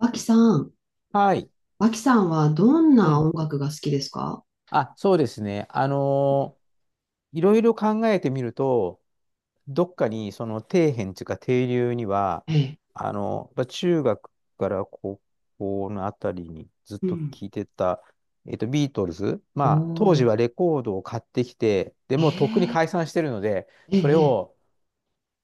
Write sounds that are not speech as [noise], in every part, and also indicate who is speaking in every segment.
Speaker 1: 脇さん、
Speaker 2: はい。
Speaker 1: 脇さんはどん
Speaker 2: う
Speaker 1: な
Speaker 2: ん。
Speaker 1: 音楽が好きですか？
Speaker 2: あ、そうですね。いろいろ考えてみると、どっかにその底辺というか底流には、
Speaker 1: ええ。
Speaker 2: やっぱ中学から高校のあたりにずっ
Speaker 1: う
Speaker 2: と
Speaker 1: ん。
Speaker 2: 聞いてた、ビートルズ。
Speaker 1: お
Speaker 2: まあ、当時は
Speaker 1: ー。
Speaker 2: レコードを買ってきて、で
Speaker 1: え
Speaker 2: もうとっくに
Speaker 1: え、
Speaker 2: 解散してるので、
Speaker 1: え
Speaker 2: それ
Speaker 1: え、
Speaker 2: を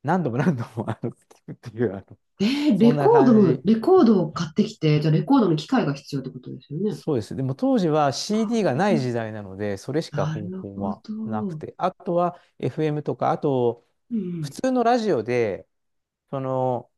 Speaker 2: 何度も何度も聞くっていう、
Speaker 1: ええ、
Speaker 2: そんな感じ。
Speaker 1: レコードを買ってきて、じゃあレコードの機械が必要ってことですよね。
Speaker 2: そうです。でも当時は CD がない時代なので、それしか
Speaker 1: な
Speaker 2: 方
Speaker 1: る
Speaker 2: 法
Speaker 1: ほ
Speaker 2: はなく
Speaker 1: ど。
Speaker 2: て、あとは FM とか、あと
Speaker 1: う
Speaker 2: 普
Speaker 1: ん。
Speaker 2: 通のラジオで、その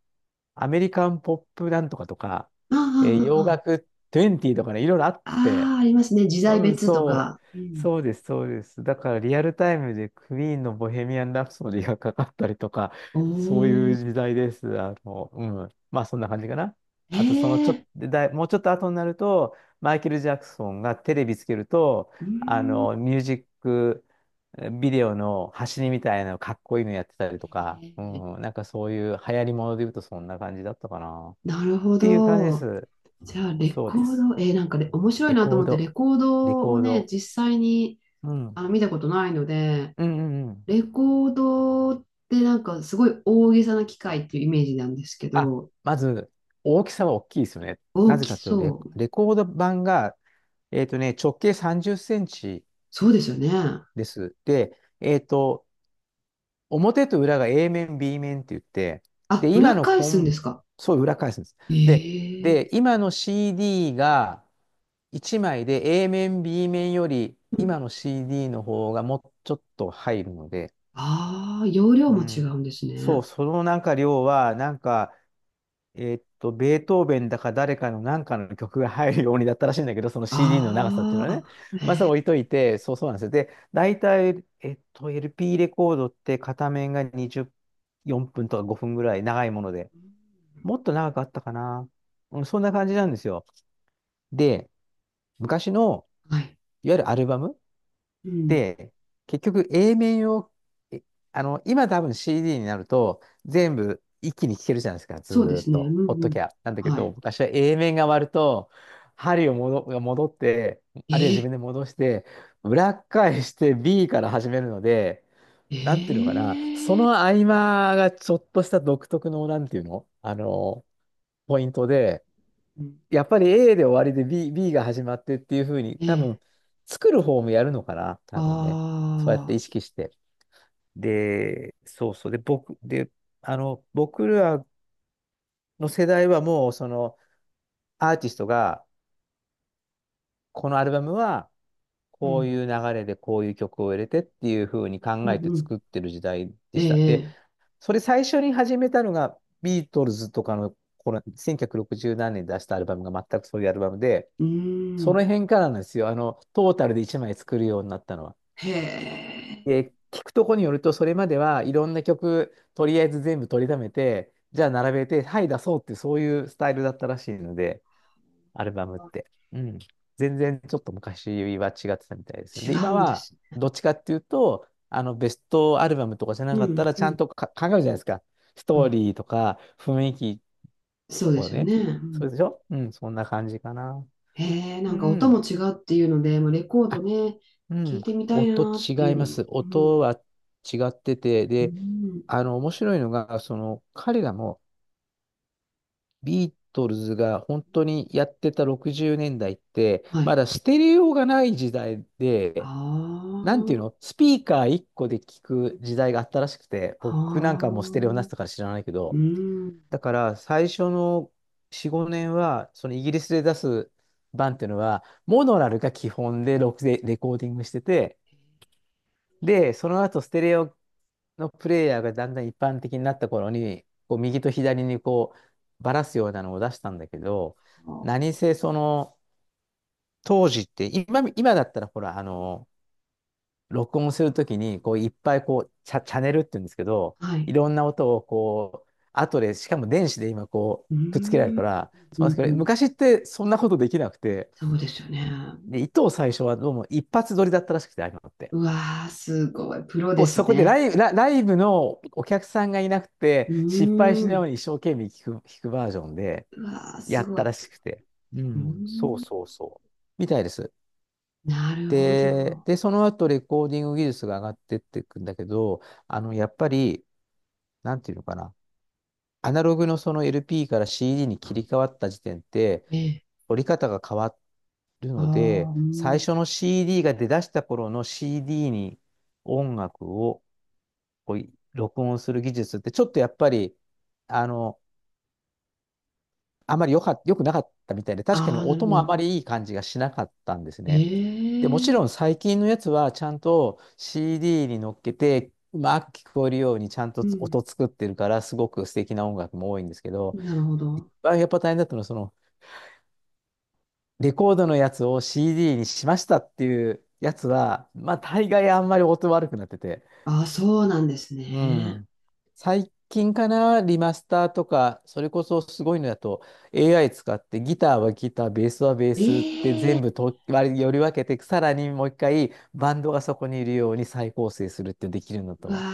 Speaker 2: アメリカンポップなんとかとか、
Speaker 1: あ
Speaker 2: 洋
Speaker 1: あ、
Speaker 2: 楽20とかね、いろいろあっ
Speaker 1: あ
Speaker 2: て、
Speaker 1: あ、ああ、ありますね。時代
Speaker 2: うん、
Speaker 1: 別と
Speaker 2: そ
Speaker 1: か。う
Speaker 2: う、
Speaker 1: ん。
Speaker 2: そうです、そうです。だからリアルタイムでクイーンのボヘミアン・ラプソディがかかったりとか、
Speaker 1: お
Speaker 2: そういう
Speaker 1: お、
Speaker 2: 時代です。うん。まあそんな感じかな。
Speaker 1: え
Speaker 2: あとそのちょっ
Speaker 1: え、
Speaker 2: と、だいもうちょっと後になると、マイケル・ジャクソンがテレビつけると、
Speaker 1: うん。
Speaker 2: ミュージックビデオの走りみたいなのかっこいいのやってたりとか、う
Speaker 1: ええ、
Speaker 2: ん、なんかそういう流行りもので言うとそんな感じだったかな。っ
Speaker 1: なるほ
Speaker 2: ていう感じで
Speaker 1: ど。
Speaker 2: す。
Speaker 1: じゃあ、レ
Speaker 2: そう
Speaker 1: コ
Speaker 2: で
Speaker 1: ー
Speaker 2: す。
Speaker 1: ド、なんかね、面白い
Speaker 2: レ
Speaker 1: なと
Speaker 2: コー
Speaker 1: 思って、レ
Speaker 2: ド、
Speaker 1: コー
Speaker 2: レ
Speaker 1: ド
Speaker 2: コ
Speaker 1: を
Speaker 2: ー
Speaker 1: ね、
Speaker 2: ド。
Speaker 1: 実際に
Speaker 2: うん。
Speaker 1: あの、見たことないので、
Speaker 2: うんうんうん。
Speaker 1: レコードってなんかすごい大げさな機械っていうイメージなんですけ
Speaker 2: あ、
Speaker 1: ど、
Speaker 2: まず、大きさは大きいですよね。
Speaker 1: 大
Speaker 2: なぜ
Speaker 1: き
Speaker 2: かというと
Speaker 1: そう。
Speaker 2: レコード盤が、直径30センチ
Speaker 1: そうですよね。
Speaker 2: です。で、表と裏が A 面、B 面って言って、
Speaker 1: あ、
Speaker 2: で、今
Speaker 1: 裏
Speaker 2: の
Speaker 1: 返
Speaker 2: コ
Speaker 1: すん
Speaker 2: ン、
Speaker 1: ですか？
Speaker 2: そう、裏返すんです。で、
Speaker 1: ええ、
Speaker 2: で、今の CD が1枚で A 面、B 面より、今の CD の方がもうちょっと入るので、
Speaker 1: ああ、容量
Speaker 2: う
Speaker 1: も違う
Speaker 2: ん。
Speaker 1: んです
Speaker 2: そう、
Speaker 1: ね。
Speaker 2: そのなんか量は、なんか、ベートーベンだか誰かの何かの曲が入るようにだったらしいんだけど、その CD の長さっていう
Speaker 1: あ
Speaker 2: の
Speaker 1: ー
Speaker 2: は
Speaker 1: あ、
Speaker 2: ね。まあ、それ置いといて、そうそうなんですよ。で、大体、LP レコードって片面が20、4分とか5分ぐらい長いもので、もっと長かったかな。うん、そんな感じなんですよ。で、昔の、
Speaker 1: はい。
Speaker 2: いわゆるアルバム、
Speaker 1: うん。
Speaker 2: で、結局 A 面を、えあの、今多分 CD になると全部一気に聴けるじゃないですか、ず
Speaker 1: そうで
Speaker 2: ーっ
Speaker 1: すね。う
Speaker 2: と、
Speaker 1: ん、
Speaker 2: ほっ
Speaker 1: う
Speaker 2: とき
Speaker 1: ん。
Speaker 2: ゃ。なんだけ
Speaker 1: は
Speaker 2: ど、
Speaker 1: い。
Speaker 2: 昔は A 面が割ると、針を戻って、あるいは自
Speaker 1: え
Speaker 2: 分で戻して、裏返して B から始めるので、
Speaker 1: え、
Speaker 2: なんていうのかな、そ
Speaker 1: ええ、
Speaker 2: の合間がちょっとした独特の、なんていうの、ポイントで、
Speaker 1: うん、
Speaker 2: やっぱり A で終わりで B が始まってっていうふうに、多
Speaker 1: ええ、
Speaker 2: 分、作る方もやるのかな、多分ね。そうやって
Speaker 1: ああ、
Speaker 2: 意識して。で、そうそう。で、僕らの世代はもう、アーティストが、このアルバムは、
Speaker 1: う
Speaker 2: こう
Speaker 1: ん、
Speaker 2: いう流れでこういう曲を入れてっていうふうに
Speaker 1: う
Speaker 2: 考えて
Speaker 1: ん、う
Speaker 2: 作
Speaker 1: ん。
Speaker 2: ってる時代で
Speaker 1: え
Speaker 2: した。で、
Speaker 1: え、
Speaker 2: それ最初に始めたのが、ビートルズとかの、この1960何年に出したアルバムが全くそういうアルバムで、
Speaker 1: う
Speaker 2: そ
Speaker 1: ー
Speaker 2: の
Speaker 1: ん。
Speaker 2: 辺からなんですよ。トータルで1枚作るようになったのは。
Speaker 1: へえ。
Speaker 2: で、聞くとこによると、それまではいろんな曲、とりあえず全部取りためて、じゃあ並べて、はい、出そうっていう、そういうスタイルだったらしいので、アルバムって。うん。全然ちょっと昔は違ってたみたいですね。
Speaker 1: 違
Speaker 2: で、
Speaker 1: う
Speaker 2: 今
Speaker 1: んで
Speaker 2: は、
Speaker 1: すね。
Speaker 2: どっちかっていうと、ベストアルバムとかじゃな
Speaker 1: う
Speaker 2: かった
Speaker 1: ん、
Speaker 2: ら、
Speaker 1: う
Speaker 2: ちゃん
Speaker 1: ん、
Speaker 2: とか考えるじゃないですか。ス
Speaker 1: う
Speaker 2: トー
Speaker 1: ん。
Speaker 2: リーとか、雰囲気
Speaker 1: そうで
Speaker 2: を
Speaker 1: すよ
Speaker 2: ね。
Speaker 1: ね。う
Speaker 2: そう
Speaker 1: ん、
Speaker 2: でしょうん、そんな感じかな。
Speaker 1: へえ、な
Speaker 2: う
Speaker 1: んか音
Speaker 2: ん。
Speaker 1: も違うっていうので、もうレコード
Speaker 2: あ
Speaker 1: ね、
Speaker 2: う
Speaker 1: 聞
Speaker 2: ん、
Speaker 1: いてみたい
Speaker 2: 音
Speaker 1: なっ
Speaker 2: 違
Speaker 1: てい
Speaker 2: い
Speaker 1: うの
Speaker 2: ます。
Speaker 1: も。う
Speaker 2: 音
Speaker 1: ん、
Speaker 2: は違ってて、
Speaker 1: う
Speaker 2: で、
Speaker 1: ん、
Speaker 2: 面白いのが、その、彼らもビートルズが本当にやってた60年代って、
Speaker 1: は
Speaker 2: ま
Speaker 1: い。
Speaker 2: だステレオがない時代
Speaker 1: あ
Speaker 2: で、なんていう
Speaker 1: あ、
Speaker 2: の、スピーカー1個で聞く時代があったらしくて、僕なんか
Speaker 1: は
Speaker 2: もうステレオなっ
Speaker 1: あ、
Speaker 2: てたから知らないけ
Speaker 1: う
Speaker 2: ど、
Speaker 1: ん。
Speaker 2: だから最初の4、5年は、そのイギリスで出す版っていうのは、モノラルが基本でロックでレコーディングしてて、で、その後ステレオのプレイヤーがだんだん一般的になった頃に、こう右と左にこうばらすようなのを出したんだけど、
Speaker 1: は
Speaker 2: 何せその当時って今だったらほら、録音するときにこういっぱいこうチャネルって言うんですけど、
Speaker 1: あ、は
Speaker 2: い
Speaker 1: い。
Speaker 2: ろんな音をこう、後で、しかも電子で今こ
Speaker 1: う
Speaker 2: う、くっつけられる
Speaker 1: ん、
Speaker 2: から、
Speaker 1: う
Speaker 2: そうなん
Speaker 1: ん、
Speaker 2: です
Speaker 1: う
Speaker 2: けど、
Speaker 1: ん。
Speaker 2: 昔ってそんなことできなくて、
Speaker 1: そうですよね。
Speaker 2: で、糸を最初はどうも一発撮りだったらしくて、ああいうのって。
Speaker 1: うわー、すごい。プロ
Speaker 2: こ
Speaker 1: で
Speaker 2: う、
Speaker 1: す
Speaker 2: そこで
Speaker 1: ね。
Speaker 2: ライブのお客さんがいなく
Speaker 1: う
Speaker 2: て、失敗し
Speaker 1: ー
Speaker 2: ないよう
Speaker 1: ん。
Speaker 2: に一生懸命弾くバージョンで
Speaker 1: うわー、
Speaker 2: や
Speaker 1: す
Speaker 2: っ
Speaker 1: ごい。
Speaker 2: たら
Speaker 1: う
Speaker 2: しくて。う
Speaker 1: ー
Speaker 2: ん、そう
Speaker 1: ん、
Speaker 2: そうそう。みたいです。
Speaker 1: なるほ
Speaker 2: で、
Speaker 1: ど。
Speaker 2: で、その後レコーディング技術が上がってっていくんだけど、やっぱり、なんていうのかな。アナログのその LP から CD に切り替わった時点って、
Speaker 1: ええ、
Speaker 2: 折り方が変わる
Speaker 1: あ
Speaker 2: ので、
Speaker 1: あ、う
Speaker 2: 最
Speaker 1: ん。
Speaker 2: 初の CD が出だした頃の CD に音楽をこう、録音する技術ってちょっとやっぱり、あの、あまり良くなかったみたいで、確かに
Speaker 1: ああ、なる
Speaker 2: 音
Speaker 1: ほ
Speaker 2: もあ
Speaker 1: ど。
Speaker 2: まりいい感じがしなかったんですね。で、もち
Speaker 1: ええ、
Speaker 2: ろん最近のやつはちゃんと CD に乗っけて、うまく聞こえるようにちゃんと
Speaker 1: うん。
Speaker 2: 音作ってるから、すごく素敵な音楽も多いんですけど、
Speaker 1: なるほ
Speaker 2: 一
Speaker 1: ど。
Speaker 2: 番やっぱ大変だったのは、その、レコードのやつを CD にしましたっていうやつは、まあ大概あんまり音悪くなってて、
Speaker 1: ああ、そうなんです
Speaker 2: う
Speaker 1: ね。
Speaker 2: ん。最近かな、リマスターとか、それこそすごいのだと AI 使ってギターはギター、ベースはベースって
Speaker 1: ええ、
Speaker 2: 全部と割りより分けて、さらにもう一回バンドがそこにいるように再構成するってできるの
Speaker 1: う
Speaker 2: と
Speaker 1: わ
Speaker 2: は。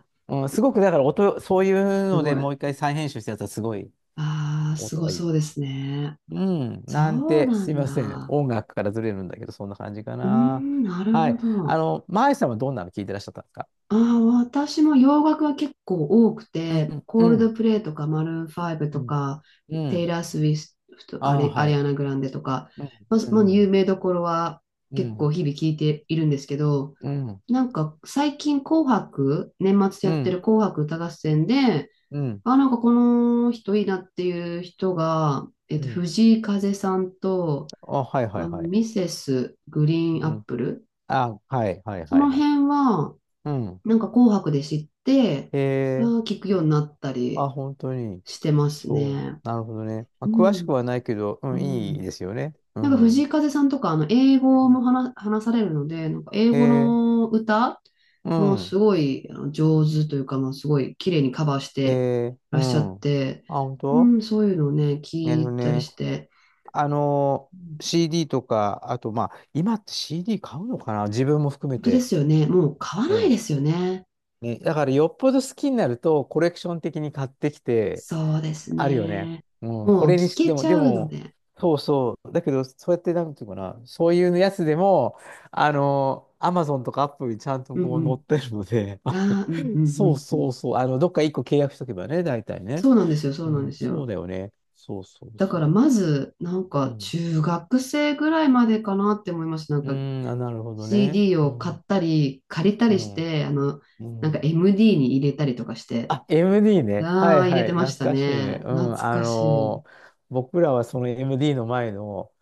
Speaker 1: あ、
Speaker 2: うん、すごくだから音、そういう
Speaker 1: す
Speaker 2: ので
Speaker 1: ごい。
Speaker 2: もう一回再編集したやつはすごい
Speaker 1: ああ、す
Speaker 2: 音
Speaker 1: ご
Speaker 2: がいい。
Speaker 1: そうですね。
Speaker 2: うん、
Speaker 1: そ
Speaker 2: なん
Speaker 1: う
Speaker 2: て、
Speaker 1: な
Speaker 2: すい
Speaker 1: ん
Speaker 2: ません。
Speaker 1: だ。
Speaker 2: 音楽からずれるんだけど、そんな感じか
Speaker 1: うー
Speaker 2: な。
Speaker 1: ん、なる
Speaker 2: は
Speaker 1: ほ
Speaker 2: い。
Speaker 1: ど。
Speaker 2: マイさんはどんなの聞いてらっしゃったんですか？
Speaker 1: ああ、私も洋楽は結構多く
Speaker 2: う
Speaker 1: て、
Speaker 2: ん、
Speaker 1: コ
Speaker 2: う
Speaker 1: ールド
Speaker 2: ん、
Speaker 1: プレイとか、マルーンファイブ
Speaker 2: う
Speaker 1: と
Speaker 2: ん、
Speaker 1: か、
Speaker 2: う
Speaker 1: テイ
Speaker 2: ん。
Speaker 1: ラー・スウィフト、
Speaker 2: ああ、
Speaker 1: ア
Speaker 2: は
Speaker 1: リア
Speaker 2: い。
Speaker 1: ナ・グランデとか、
Speaker 2: うん、う
Speaker 1: まあ有
Speaker 2: ん、
Speaker 1: 名どころは
Speaker 2: う
Speaker 1: 結構
Speaker 2: ん、
Speaker 1: 日々聞いているんですけど、
Speaker 2: うん、
Speaker 1: なんか最近紅白、年末
Speaker 2: う
Speaker 1: やって
Speaker 2: ん、
Speaker 1: る紅白歌合戦で、
Speaker 2: うん、
Speaker 1: あ、なんかこの人いいなっていう人が、えっ
Speaker 2: う
Speaker 1: と、
Speaker 2: ん。
Speaker 1: 藤井風さんと、
Speaker 2: あ、はいは
Speaker 1: あ
Speaker 2: い
Speaker 1: の、
Speaker 2: はい。
Speaker 1: ミセスグ
Speaker 2: う
Speaker 1: リーンアッ
Speaker 2: ん。
Speaker 1: プル。
Speaker 2: あ、はいはい
Speaker 1: そ
Speaker 2: はい
Speaker 1: の
Speaker 2: はい。
Speaker 1: 辺は、
Speaker 2: うん。
Speaker 1: なんか紅白で知って、
Speaker 2: へ
Speaker 1: あ
Speaker 2: え、
Speaker 1: ー、聞くようになった
Speaker 2: あ、
Speaker 1: り
Speaker 2: 本当に。
Speaker 1: してます
Speaker 2: そう。
Speaker 1: ね。
Speaker 2: なるほどね。ま
Speaker 1: う
Speaker 2: あ、詳しく
Speaker 1: ん。
Speaker 2: はないけど、う
Speaker 1: う
Speaker 2: ん、いい
Speaker 1: ん。
Speaker 2: ですよね。う
Speaker 1: なんか藤
Speaker 2: ん。
Speaker 1: 井風さんとか、あの、英語も話されるので、なんか英
Speaker 2: へ
Speaker 1: 語
Speaker 2: え、
Speaker 1: の歌
Speaker 2: う
Speaker 1: もうす
Speaker 2: ん。
Speaker 1: ごいあの上手というか、まあ、すごい綺麗にカバーし
Speaker 2: へ
Speaker 1: て
Speaker 2: え、
Speaker 1: ら
Speaker 2: う
Speaker 1: っしゃっ
Speaker 2: ん。あ、
Speaker 1: て、
Speaker 2: 本
Speaker 1: う
Speaker 2: 当。
Speaker 1: ん、そういうのをね、
Speaker 2: な
Speaker 1: 聞
Speaker 2: るほ
Speaker 1: い
Speaker 2: ど
Speaker 1: たり
Speaker 2: ね。
Speaker 1: して、
Speaker 2: あの、
Speaker 1: うん、
Speaker 2: CD とか、あと、まあ、今って CD 買うのかな自分も含め
Speaker 1: 本当で
Speaker 2: て。
Speaker 1: すよね。もう買わない
Speaker 2: ね
Speaker 1: ですよね。
Speaker 2: ね、だからよっぽど好きになるとコレクション的に買ってきて、
Speaker 1: そうです
Speaker 2: あるよね。
Speaker 1: ね。
Speaker 2: うん、こ
Speaker 1: もう
Speaker 2: れに
Speaker 1: 聞
Speaker 2: し、で
Speaker 1: け
Speaker 2: も、
Speaker 1: ち
Speaker 2: で
Speaker 1: ゃうの
Speaker 2: も、
Speaker 1: で。
Speaker 2: そうそう。だけど、そうやって、なんていうかな、そういうやつでも、アマゾンとかアップルにちゃんと
Speaker 1: う
Speaker 2: こう載
Speaker 1: ん、
Speaker 2: ってるので、[laughs]
Speaker 1: うん。ああ、うんうんう
Speaker 2: そう
Speaker 1: んう
Speaker 2: そ
Speaker 1: ん。
Speaker 2: うそう、どっか一個契約しとけばね、大体ね。
Speaker 1: そうなんですよ、そ
Speaker 2: う
Speaker 1: うなんで
Speaker 2: ん、
Speaker 1: す
Speaker 2: そう
Speaker 1: よ。
Speaker 2: だよね。そうそう
Speaker 1: だから
Speaker 2: そ
Speaker 1: まず、なん
Speaker 2: う。う
Speaker 1: か
Speaker 2: ん。
Speaker 1: 中学生ぐらいまでかなって思います。なん
Speaker 2: う
Speaker 1: か
Speaker 2: ーん、あ、なるほどね。
Speaker 1: CD
Speaker 2: う
Speaker 1: を買っ
Speaker 2: ん、
Speaker 1: たり、借りた
Speaker 2: う
Speaker 1: りし
Speaker 2: ん、
Speaker 1: て、あの、
Speaker 2: う
Speaker 1: なんか
Speaker 2: ん。
Speaker 1: MD に入れたりとかして、
Speaker 2: あ、MD ね。は
Speaker 1: あ
Speaker 2: い
Speaker 1: あ、入れ
Speaker 2: は
Speaker 1: て
Speaker 2: い。
Speaker 1: ま
Speaker 2: 懐
Speaker 1: した
Speaker 2: かしいね。
Speaker 1: ね。
Speaker 2: う
Speaker 1: 懐
Speaker 2: ん。
Speaker 1: かしい。
Speaker 2: 僕らはその MD の前の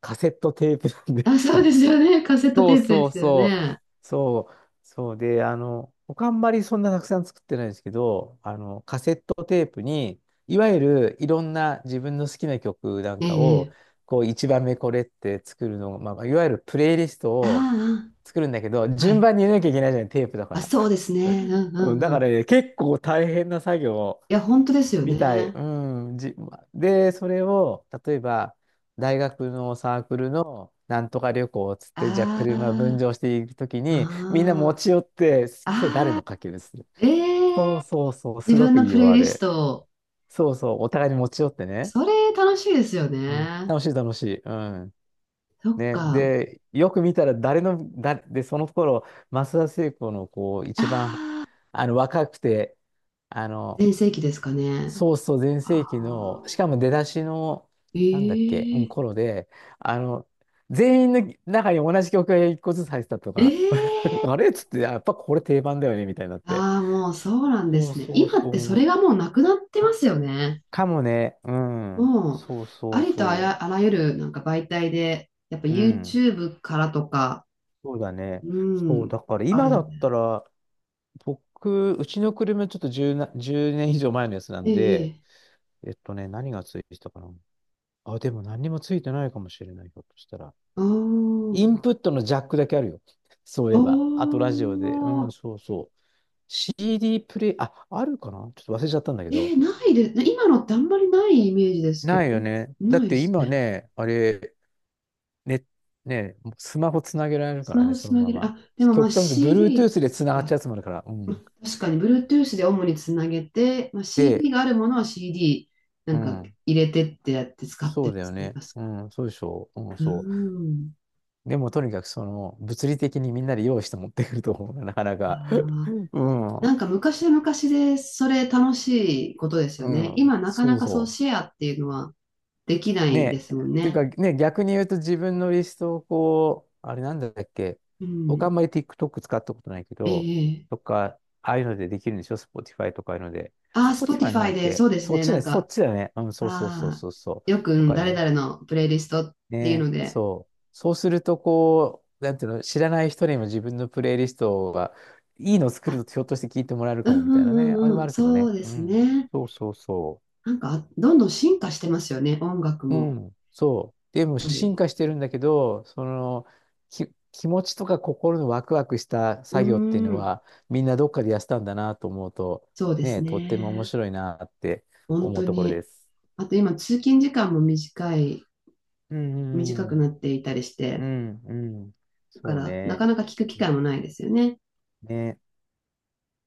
Speaker 2: カセットテープなんで。
Speaker 1: あ、そうですよね。カセッ
Speaker 2: [laughs]
Speaker 1: ト
Speaker 2: そ
Speaker 1: テ
Speaker 2: う
Speaker 1: ープで
Speaker 2: そう
Speaker 1: すよ
Speaker 2: そう。
Speaker 1: ね。
Speaker 2: そう。そうで、僕あんまりそんなたくさん作ってないですけど、カセットテープに、いわゆるいろんな自分の好きな曲なん
Speaker 1: え
Speaker 2: かを、
Speaker 1: え、ええ、
Speaker 2: こう、一番目これって作るの、まあ、いわゆるプレイリストを
Speaker 1: あ
Speaker 2: 作るんだけど、
Speaker 1: あ、は
Speaker 2: 順
Speaker 1: い。
Speaker 2: 番に入れなきゃいけないじゃない、テープだか
Speaker 1: あ、
Speaker 2: ら。
Speaker 1: そうですね。うんう
Speaker 2: うん、だ
Speaker 1: んう
Speaker 2: か
Speaker 1: ん。い
Speaker 2: らね、結構大変な作業。
Speaker 1: や、本当ですよ
Speaker 2: みたい。
Speaker 1: ね。
Speaker 2: うん。で、それを、例えば、大学のサークルのなんとか旅行っつって、じゃあ
Speaker 1: あ
Speaker 2: 車分
Speaker 1: あ、
Speaker 2: 乗していくときに、みんな持
Speaker 1: あ
Speaker 2: ち寄って、
Speaker 1: あ、
Speaker 2: 今日誰
Speaker 1: あ
Speaker 2: の
Speaker 1: あ、
Speaker 2: かけるする。
Speaker 1: え
Speaker 2: そう
Speaker 1: え、
Speaker 2: そうそう、す
Speaker 1: 自
Speaker 2: ご
Speaker 1: 分
Speaker 2: く
Speaker 1: の
Speaker 2: いい
Speaker 1: プ
Speaker 2: よ、
Speaker 1: レイ
Speaker 2: あ
Speaker 1: リス
Speaker 2: れ。
Speaker 1: ト。
Speaker 2: そうそう、お互いに持ち寄ってね。
Speaker 1: それ楽しいですよ
Speaker 2: うん。
Speaker 1: ね。
Speaker 2: 楽しい、楽しい。うん。
Speaker 1: そっ
Speaker 2: ね、
Speaker 1: か。
Speaker 2: で、よく見たら誰の、で、その頃、増田聖子のこう、
Speaker 1: あ
Speaker 2: 一番、
Speaker 1: あ、
Speaker 2: 若くて、あの、
Speaker 1: 全盛期ですかね。
Speaker 2: そうそう、全
Speaker 1: あ
Speaker 2: 盛期の、し
Speaker 1: あ、
Speaker 2: かも出だしの、
Speaker 1: え
Speaker 2: なんだっけ、うん、
Speaker 1: え、
Speaker 2: 頃で、あの、全員の中に同じ曲が一個ずつ入ってたとか、[laughs]
Speaker 1: ええ、
Speaker 2: あれっつって、やっぱこれ定番だよね、みたいになって。
Speaker 1: ああ、もうそうなんで
Speaker 2: そう
Speaker 1: すね。
Speaker 2: そう
Speaker 1: 今っ
Speaker 2: そう、
Speaker 1: てそ
Speaker 2: 面
Speaker 1: れ
Speaker 2: 白い。
Speaker 1: がもうなくなってますよね。
Speaker 2: かもね、うん。
Speaker 1: もう、
Speaker 2: そう
Speaker 1: あ
Speaker 2: そう
Speaker 1: りとあ
Speaker 2: そ
Speaker 1: ら、あらゆるなんか媒体で、やっぱ
Speaker 2: う。うん。
Speaker 1: YouTube からとか、
Speaker 2: そうだね。
Speaker 1: う
Speaker 2: そう、
Speaker 1: ん、
Speaker 2: だから
Speaker 1: あ
Speaker 2: 今
Speaker 1: る
Speaker 2: だ
Speaker 1: ので。
Speaker 2: ったら、僕、うちの車ちょっと10な、1年以上前のやつな
Speaker 1: え
Speaker 2: んで、
Speaker 1: え、ええ、
Speaker 2: 何がついてたかな。あ、でも何にもついてないかもしれない、ひょっとしたら。
Speaker 1: あ
Speaker 2: イン
Speaker 1: ー、
Speaker 2: プットのジャックだけあるよ。そう
Speaker 1: あ
Speaker 2: いえば。あとラジオで。うん、
Speaker 1: ー、
Speaker 2: そうそう。CD プレイ、あ、あるかなちょっと忘れちゃったんだけ
Speaker 1: え
Speaker 2: ど。
Speaker 1: え、ないで、今のってあんまりないイメージですけど、
Speaker 2: ないよね。だ
Speaker 1: な
Speaker 2: っ
Speaker 1: いで
Speaker 2: て
Speaker 1: す
Speaker 2: 今
Speaker 1: ね。
Speaker 2: ね、あれ、ね、ね、スマホつなげられるか
Speaker 1: スマ
Speaker 2: ら
Speaker 1: ホ
Speaker 2: ね、そ
Speaker 1: つ
Speaker 2: の
Speaker 1: な
Speaker 2: ま
Speaker 1: げる。
Speaker 2: ま。
Speaker 1: あ、でもまあ
Speaker 2: 極端に言うと
Speaker 1: CD
Speaker 2: Bluetooth でつながっち
Speaker 1: か。
Speaker 2: ゃうやつもあるから。うん。
Speaker 1: 確かに Bluetooth で主につなげて、まあ、
Speaker 2: で、
Speaker 1: CD があるものは CD な
Speaker 2: う
Speaker 1: んか
Speaker 2: ん。
Speaker 1: 入れてってやって使っ
Speaker 2: そ
Speaker 1: て
Speaker 2: う
Speaker 1: ま
Speaker 2: だよ
Speaker 1: すね、
Speaker 2: ね。
Speaker 1: 確
Speaker 2: う
Speaker 1: か
Speaker 2: ん、そうでしょう。うん、
Speaker 1: に。う
Speaker 2: そ
Speaker 1: ん。
Speaker 2: う。でも、とにかく、物理的にみんなで用意して持ってくると思うな、なかなか。
Speaker 1: ああ、
Speaker 2: [laughs] う
Speaker 1: な
Speaker 2: ん、
Speaker 1: んか昔は昔でそれ楽しいことですよ
Speaker 2: う
Speaker 1: ね。
Speaker 2: ん、
Speaker 1: 今なか
Speaker 2: そ
Speaker 1: な
Speaker 2: う
Speaker 1: かそう
Speaker 2: そ
Speaker 1: シ
Speaker 2: う
Speaker 1: ェアっていうのはできな
Speaker 2: ね
Speaker 1: いです
Speaker 2: え、
Speaker 1: もん
Speaker 2: っていう
Speaker 1: ね。
Speaker 2: かね、逆に言うと自分のリストをこう、あれなんだっけ、
Speaker 1: う
Speaker 2: 僕あん
Speaker 1: ん。
Speaker 2: まり TikTok 使ったことないけど、
Speaker 1: え
Speaker 2: と
Speaker 1: え、
Speaker 2: か、ああいうのでできるんでしょ ?Spotify とかああいうので。
Speaker 1: ああ、
Speaker 2: Spotify のだ
Speaker 1: Spotify
Speaker 2: っ
Speaker 1: で
Speaker 2: け
Speaker 1: そうです
Speaker 2: そっ
Speaker 1: ね。
Speaker 2: ち
Speaker 1: な
Speaker 2: だ
Speaker 1: ん
Speaker 2: ね、そっ
Speaker 1: か、
Speaker 2: ちだね。うん、そうそうそう
Speaker 1: ああ、
Speaker 2: そうそう。
Speaker 1: よく、
Speaker 2: と
Speaker 1: うん
Speaker 2: か
Speaker 1: 誰
Speaker 2: ね。
Speaker 1: 々のプレイリストっていう
Speaker 2: ね、
Speaker 1: ので、
Speaker 2: そう。そうすると、こう、なんていうの、知らない人にも自分のプレイリストが、いいのを作
Speaker 1: あ、
Speaker 2: るとひょっとして聞いてもらえる
Speaker 1: う
Speaker 2: か
Speaker 1: ん
Speaker 2: もみ
Speaker 1: う
Speaker 2: たいなね。
Speaker 1: ん
Speaker 2: あ
Speaker 1: う
Speaker 2: れ
Speaker 1: ん
Speaker 2: も
Speaker 1: う
Speaker 2: あ
Speaker 1: ん、
Speaker 2: るけど
Speaker 1: そ
Speaker 2: ね。
Speaker 1: うで
Speaker 2: う
Speaker 1: す
Speaker 2: ん。
Speaker 1: ね。
Speaker 2: そうそうそう。
Speaker 1: なんか、どんどん進化してますよね、音楽
Speaker 2: う
Speaker 1: も。
Speaker 2: ん、そう。でも
Speaker 1: やっぱ
Speaker 2: 進
Speaker 1: り。
Speaker 2: 化してるんだけど、その、気持ちとか心のワクワクした
Speaker 1: うー
Speaker 2: 作業っていうの
Speaker 1: ん、
Speaker 2: は、みんなどっかでやってたんだなと思うと、
Speaker 1: そうです
Speaker 2: ね、とっても面
Speaker 1: ね。
Speaker 2: 白いなって
Speaker 1: 本
Speaker 2: 思う
Speaker 1: 当
Speaker 2: ところで
Speaker 1: に。
Speaker 2: す。
Speaker 1: あと今、通勤時間も短い、
Speaker 2: う
Speaker 1: 短
Speaker 2: ん、
Speaker 1: く
Speaker 2: う
Speaker 1: な
Speaker 2: ん、
Speaker 1: っていたりし
Speaker 2: う
Speaker 1: て、
Speaker 2: ん、うん
Speaker 1: だか
Speaker 2: そう
Speaker 1: ら、な
Speaker 2: ね。
Speaker 1: かなか聞く機
Speaker 2: う
Speaker 1: 会
Speaker 2: ん
Speaker 1: もないですよね。
Speaker 2: ね。